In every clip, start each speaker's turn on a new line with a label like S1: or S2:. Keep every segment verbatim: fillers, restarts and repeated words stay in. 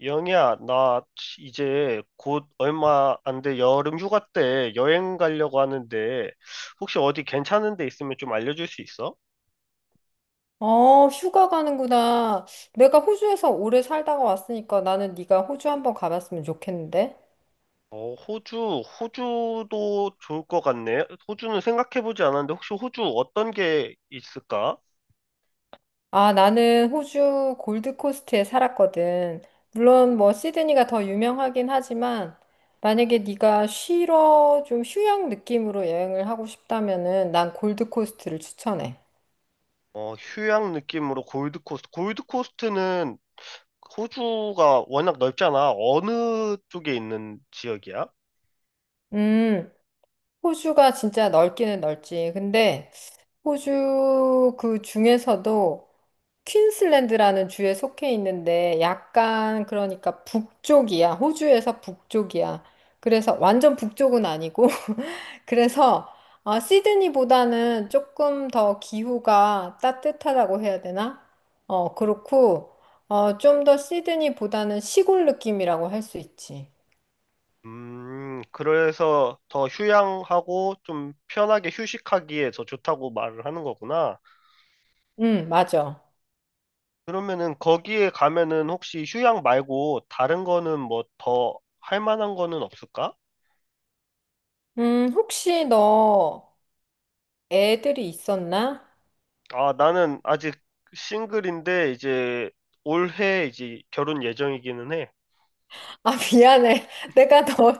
S1: 영희야, 나 이제 곧 얼마 안 돼 여름 휴가 때 여행 가려고 하는데 혹시 어디 괜찮은 데 있으면 좀 알려줄 수 있어?
S2: 어, 휴가 가는구나. 내가 호주에서 오래 살다가 왔으니까 나는 네가 호주 한번 가봤으면 좋겠는데.
S1: 어, 호주, 호주도 좋을 것 같네. 호주는 생각해보지 않았는데 혹시 호주 어떤 게 있을까?
S2: 아, 나는 호주 골드코스트에 살았거든. 물론 뭐 시드니가 더 유명하긴 하지만 만약에 네가 쉬러 좀 휴양 느낌으로 여행을 하고 싶다면은 난 골드코스트를 추천해.
S1: 어, 휴양 느낌으로 골드코스트. 골드코스트는 호주가 워낙 넓잖아. 어느 쪽에 있는 지역이야?
S2: 음, 호주가 진짜 넓기는 넓지. 근데 호주 그 중에서도 퀸슬랜드라는 주에 속해 있는데 약간 그러니까 북쪽이야. 호주에서 북쪽이야. 그래서 완전 북쪽은 아니고 그래서 어, 시드니보다는 조금 더 기후가 따뜻하다고 해야 되나? 어, 그렇고 어, 좀 더 시드니보다는 시골 느낌이라고 할 수 있지.
S1: 음, 그래서 더 휴양하고 좀 편하게 휴식하기에 더 좋다고 말을 하는 거구나.
S2: 응, 맞아.
S1: 그러면은 거기에 가면은 혹시 휴양 말고 다른 거는 뭐 더 할 만한 거는 없을까?
S2: 음, 혹시 너 애들이 있었나?
S1: 아, 나는 아직 싱글인데 이제 올해 이제 결혼 예정이기는 해.
S2: 아, 미안해. 내가 너,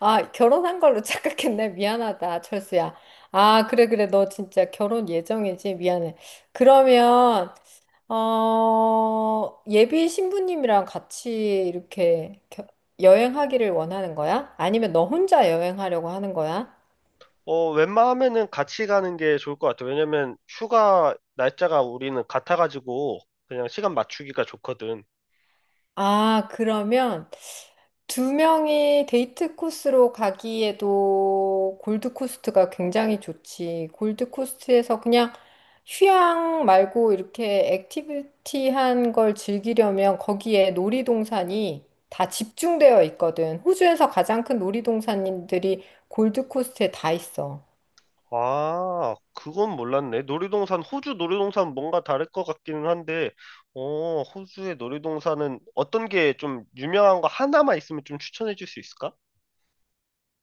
S2: 아, 결혼한 걸로 착각했네. 미안하다, 철수야. 아, 그래, 그래. 너 진짜 결혼 예정이지? 미안해. 그러면, 어, 예비 신부님이랑 같이 이렇게 겨- 여행하기를 원하는 거야? 아니면 너 혼자 여행하려고 하는 거야?
S1: 어, 웬만하면은 같이 가는 게 좋을 것 같아. 왜냐면 휴가 날짜가 우리는 같아가지고 그냥 시간 맞추기가 좋거든.
S2: 아, 그러면, 두 명이 데이트 코스로 가기에도 골드코스트가 굉장히 좋지. 골드코스트에서 그냥 휴양 말고 이렇게 액티비티한 걸 즐기려면 거기에 놀이동산이 다 집중되어 있거든. 호주에서 가장 큰 놀이동산들이 골드코스트에 다 있어.
S1: 아, 그건 몰랐네. 놀이동산, 호주 놀이동산 뭔가 다를 것 같기는 한데, 어, 호주의 놀이동산은 어떤 게 좀 유명한 거 하나만 있으면 좀 추천해 줄 수 있을까?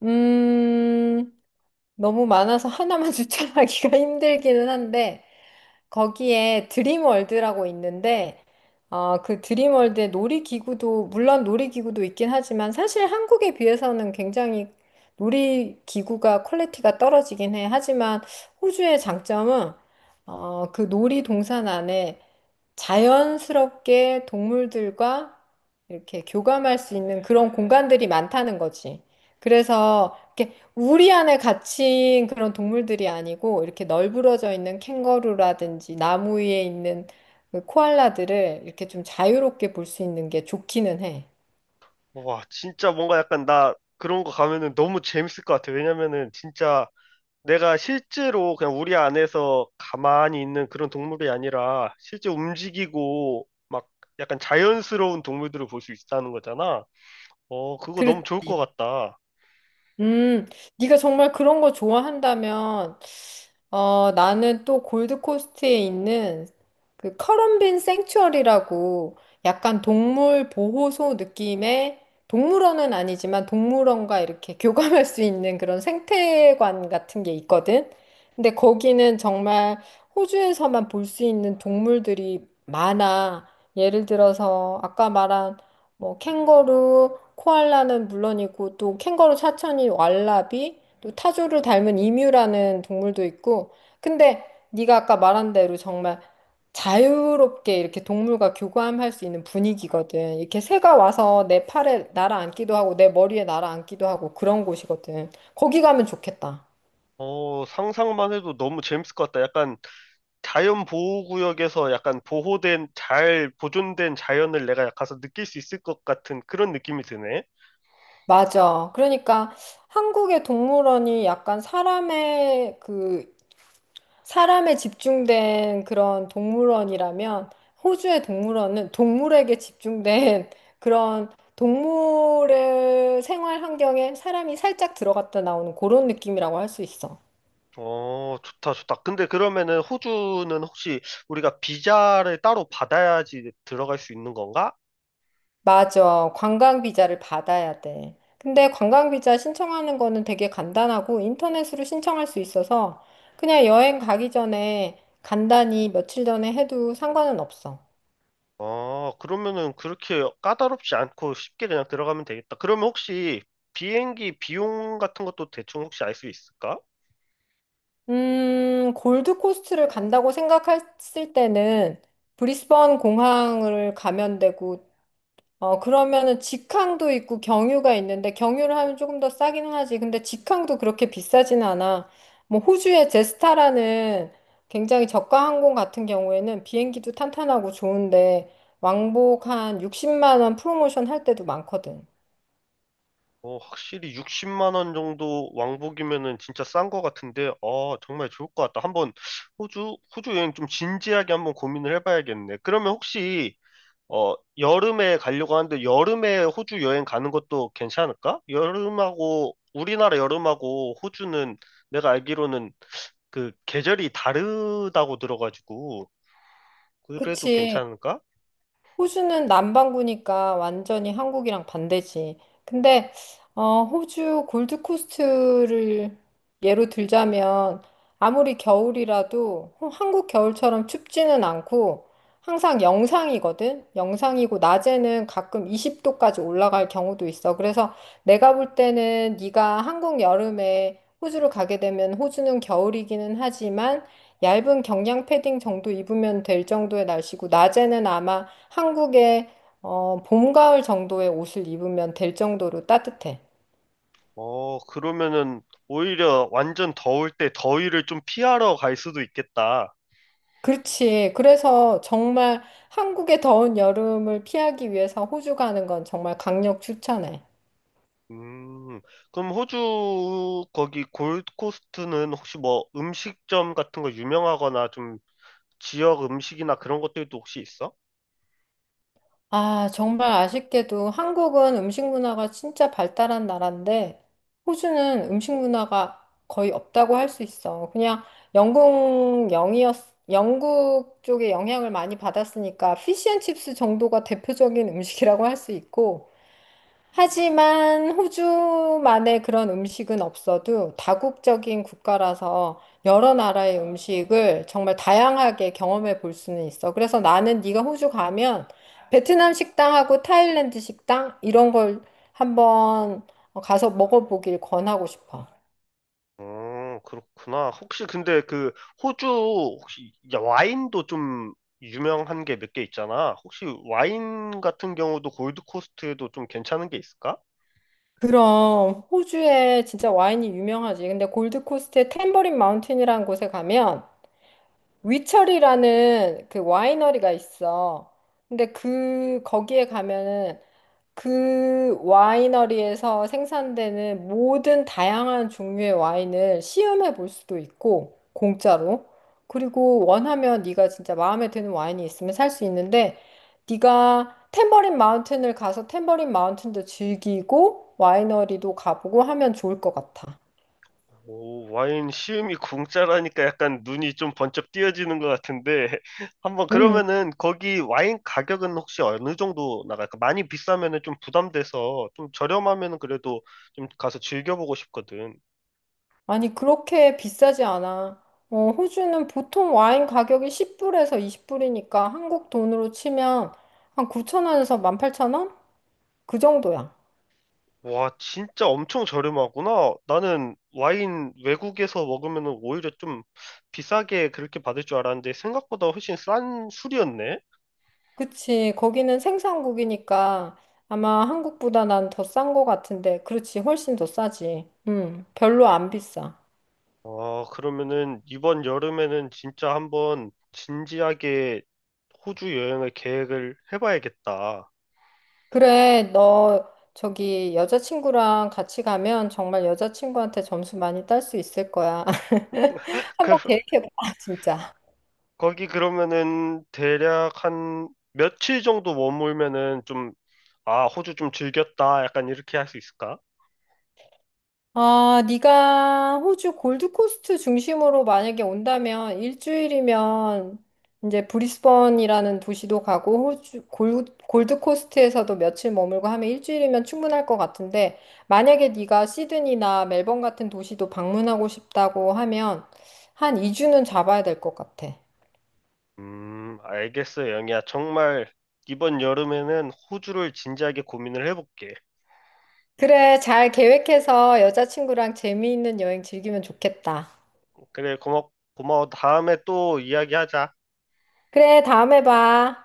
S2: 음, 너무 많아서 하나만 추천하기가 힘들기는 한데, 거기에 드림월드라고 있는데, 어, 그 드림월드의 놀이기구도, 물론 놀이기구도 있긴 하지만, 사실 한국에 비해서는 굉장히 놀이기구가 퀄리티가 떨어지긴 해. 하지만 호주의 장점은, 어, 그 놀이동산 안에 자연스럽게 동물들과 이렇게 교감할 수 있는 그런 공간들이 많다는 거지. 그래서 이렇게 우리 안에 갇힌 그런 동물들이 아니고 이렇게 널브러져 있는 캥거루라든지 나무 위에 있는 그 코알라들을 이렇게 좀 자유롭게 볼 수 있는 게 좋기는 해.
S1: 와, 진짜 뭔가 약간 나 그런 거 가면은 너무 재밌을 것 같아. 왜냐면은 진짜 내가 실제로 그냥 우리 안에서 가만히 있는 그런 동물이 아니라 실제 움직이고 막 약간 자연스러운 동물들을 볼 수 있다는 거잖아. 어, 그거
S2: 그래,
S1: 너무 좋을 것 같다.
S2: 음, 네가 정말 그런 거 좋아한다면 어, 나는 또 골드코스트에 있는 그 커럼빈 생츄어리라고 약간 동물 보호소 느낌의 동물원은 아니지만 동물원과 이렇게 교감할 수 있는 그런 생태관 같은 게 있거든. 근데 거기는 정말 호주에서만 볼 수 있는 동물들이 많아. 예를 들어서 아까 말한 뭐 캥거루, 코알라는 물론이고 또 캥거루 사천이 왈라비 또 타조를 닮은 이뮤라는 동물도 있고, 근데 네가 아까 말한 대로 정말 자유롭게 이렇게 동물과 교감할 수 있는 분위기거든. 이렇게 새가 와서 내 팔에 날아앉기도 하고, 내 머리에 날아앉기도 하고, 그런 곳이거든. 거기 가면 좋겠다.
S1: 어, 상상만 해도 너무 재밌을 것 같다. 약간 자연 보호구역에서 약간 보호된, 잘 보존된 자연을 내가 가서 느낄 수 있을 것 같은 그런 느낌이 드네.
S2: 맞아. 그러니까 한국의 동물원이 약간 사람의 그 사람에 집중된 그런 동물원이라면 호주의 동물원은 동물에게 집중된 그런 동물의 생활 환경에 사람이 살짝 들어갔다 나오는 그런 느낌이라고 할 수 있어.
S1: 어, 좋다, 좋다. 근데 그러면은 호주는 혹시 우리가 비자를 따로 받아야지 들어갈 수 있는 건가?
S2: 맞아. 관광 비자를 받아야 돼. 근데 관광 비자 신청하는 거는 되게 간단하고 인터넷으로 신청할 수 있어서 그냥 여행 가기 전에 간단히 며칠 전에 해도 상관은 없어.
S1: 어, 그러면은 그렇게 까다롭지 않고 쉽게 그냥 들어가면 되겠다. 그러면 혹시 비행기 비용 같은 것도 대충 혹시 알 수 있을까?
S2: 음, 골드코스트를 간다고 생각했을 때는 브리스번 공항을 가면 되고, 어, 그러면은 직항도 있고 경유가 있는데, 경유를 하면 조금 더 싸긴 하지. 근데 직항도 그렇게 비싸진 않아. 뭐, 호주의 제스타라는 굉장히 저가 항공 같은 경우에는 비행기도 탄탄하고 좋은데, 왕복 한 육십만 원 프로모션 할 때도 많거든.
S1: 어, 확실히 육십만 원 정도 왕복이면은 진짜 싼 거 같은데, 아, 정말 좋을 것 같다. 한번 호주, 호주 여행 좀 진지하게 한번 고민을 해봐야겠네. 그러면 혹시, 어, 여름에 가려고 하는데, 여름에 호주 여행 가는 것도 괜찮을까? 여름하고, 우리나라 여름하고 호주는 내가 알기로는 그 계절이 다르다고 들어가지고, 그래도
S2: 그치.
S1: 괜찮을까?
S2: 호주는 남반구니까 완전히 한국이랑 반대지. 근데 어, 호주 골드코스트를 예로 들자면 아무리 겨울이라도 호- 한국 겨울처럼 춥지는 않고 항상 영상이거든. 영상이고 낮에는 가끔 이십 도까지 올라갈 경우도 있어. 그래서 내가 볼 때는 네가 한국 여름에 호주를 가게 되면 호주는 겨울이기는 하지만 얇은 경량 패딩 정도 입으면 될 정도의 날씨고 낮에는 아마 한국의 어, 봄, 가을 정도의 옷을 입으면 될 정도로 따뜻해.
S1: 어, 그러면은 오히려 완전 더울 때 더위를 좀 피하러 갈 수도 있겠다.
S2: 그렇지. 그래서 정말 한국의 더운 여름을 피하기 위해서 호주 가는 건 정말 강력 추천해.
S1: 음, 그럼 호주 거기 골드코스트는 혹시 뭐 음식점 같은 거 유명하거나 좀 지역 음식이나 그런 것들도 혹시 있어?
S2: 아, 정말 아쉽게도 한국은 음식 문화가 진짜 발달한 나라인데 호주는 음식 문화가 거의 없다고 할 수 있어. 그냥 영국 영이었, 영국 쪽의 영향을 많이 받았으니까 피시앤칩스 정도가 대표적인 음식이라고 할 수 있고 하지만 호주만의 그런 음식은 없어도 다국적인 국가라서 여러 나라의 음식을 정말 다양하게 경험해 볼 수는 있어. 그래서 나는 네가 호주 가면 베트남 식당하고 타일랜드 식당 이런 걸 한번 가서 먹어보길 권하고 싶어.
S1: 어, 그렇구나. 혹시 근데 그 호주 혹시 야, 와인도 좀 유명한 게 몇 개 있잖아. 혹시 와인 같은 경우도 골드코스트에도 좀 괜찮은 게 있을까?
S2: 그럼 호주에 진짜 와인이 유명하지. 근데 골드코스트의 탬버린 마운틴이라는 곳에 가면 위철이라는 그 와이너리가 있어. 근데 그 거기에 가면은 그 와이너리에서 생산되는 모든 다양한 종류의 와인을 시음해 볼 수도 있고 공짜로. 그리고 원하면 네가 진짜 마음에 드는 와인이 있으면 살 수 있는데 네가 탬버린 마운틴을 가서 탬버린 마운틴도 즐기고 와이너리도 가보고 하면 좋을 것 같아.
S1: 오, 와인 시음이 공짜라니까 약간 눈이 좀 번쩍 띄어지는 것 같은데 한번 그러면은 거기 와인 가격은 혹시 어느 정도 나갈까? 많이 비싸면은 좀 부담돼서 좀 저렴하면은 그래도 좀 가서 즐겨보고 싶거든.
S2: 아니, 그렇게 비싸지 않아. 어, 호주는 보통 와인 가격이 십 불에서 이십 불이니까 한국 돈으로 치면 한 구천 원에서 만 팔천 원? 그 정도야.
S1: 와, 진짜 엄청 저렴하구나. 나는 와인 외국에서 먹으면은 오히려 좀 비싸게 그렇게 받을 줄 알았는데 생각보다 훨씬 싼 술이었네.
S2: 그치. 거기는 생산국이니까 아마 한국보다 난 더 싼 거 같은데. 그렇지. 훨씬 더 싸지. 음, 별로 안 비싸.
S1: 아, 그러면은 이번 여름에는 진짜 한번 진지하게 호주 여행을 계획을 해봐야겠다.
S2: 그래, 너 저기 여자친구랑 같이 가면 정말 여자친구한테 점수 많이 딸 수 있을 거야.
S1: 그,
S2: 한번 계획해봐, 진짜.
S1: 거기 그러면은 대략 한 며칠 정도 머물면은 좀, 아, 호주 좀 즐겼다. 약간 이렇게 할 수 있을까?
S2: 아, 네가 호주 골드코스트 중심으로 만약에 온다면 일주일이면 이제 브리스번이라는 도시도 가고 호주 골, 골드코스트에서도 며칠 머물고 하면 일주일이면 충분할 것 같은데 만약에 네가 시드니나 멜번 같은 도시도 방문하고 싶다고 하면 한 이 주는 잡아야 될 것 같아.
S1: 음, 알겠어, 영희야. 정말 이번 여름에는 호주를 진지하게 고민을 해볼게.
S2: 그래, 잘 계획해서 여자친구랑 재미있는 여행 즐기면 좋겠다.
S1: 그래, 고마, 고마워. 다음에 또 이야기하자.
S2: 그래, 다음에 봐.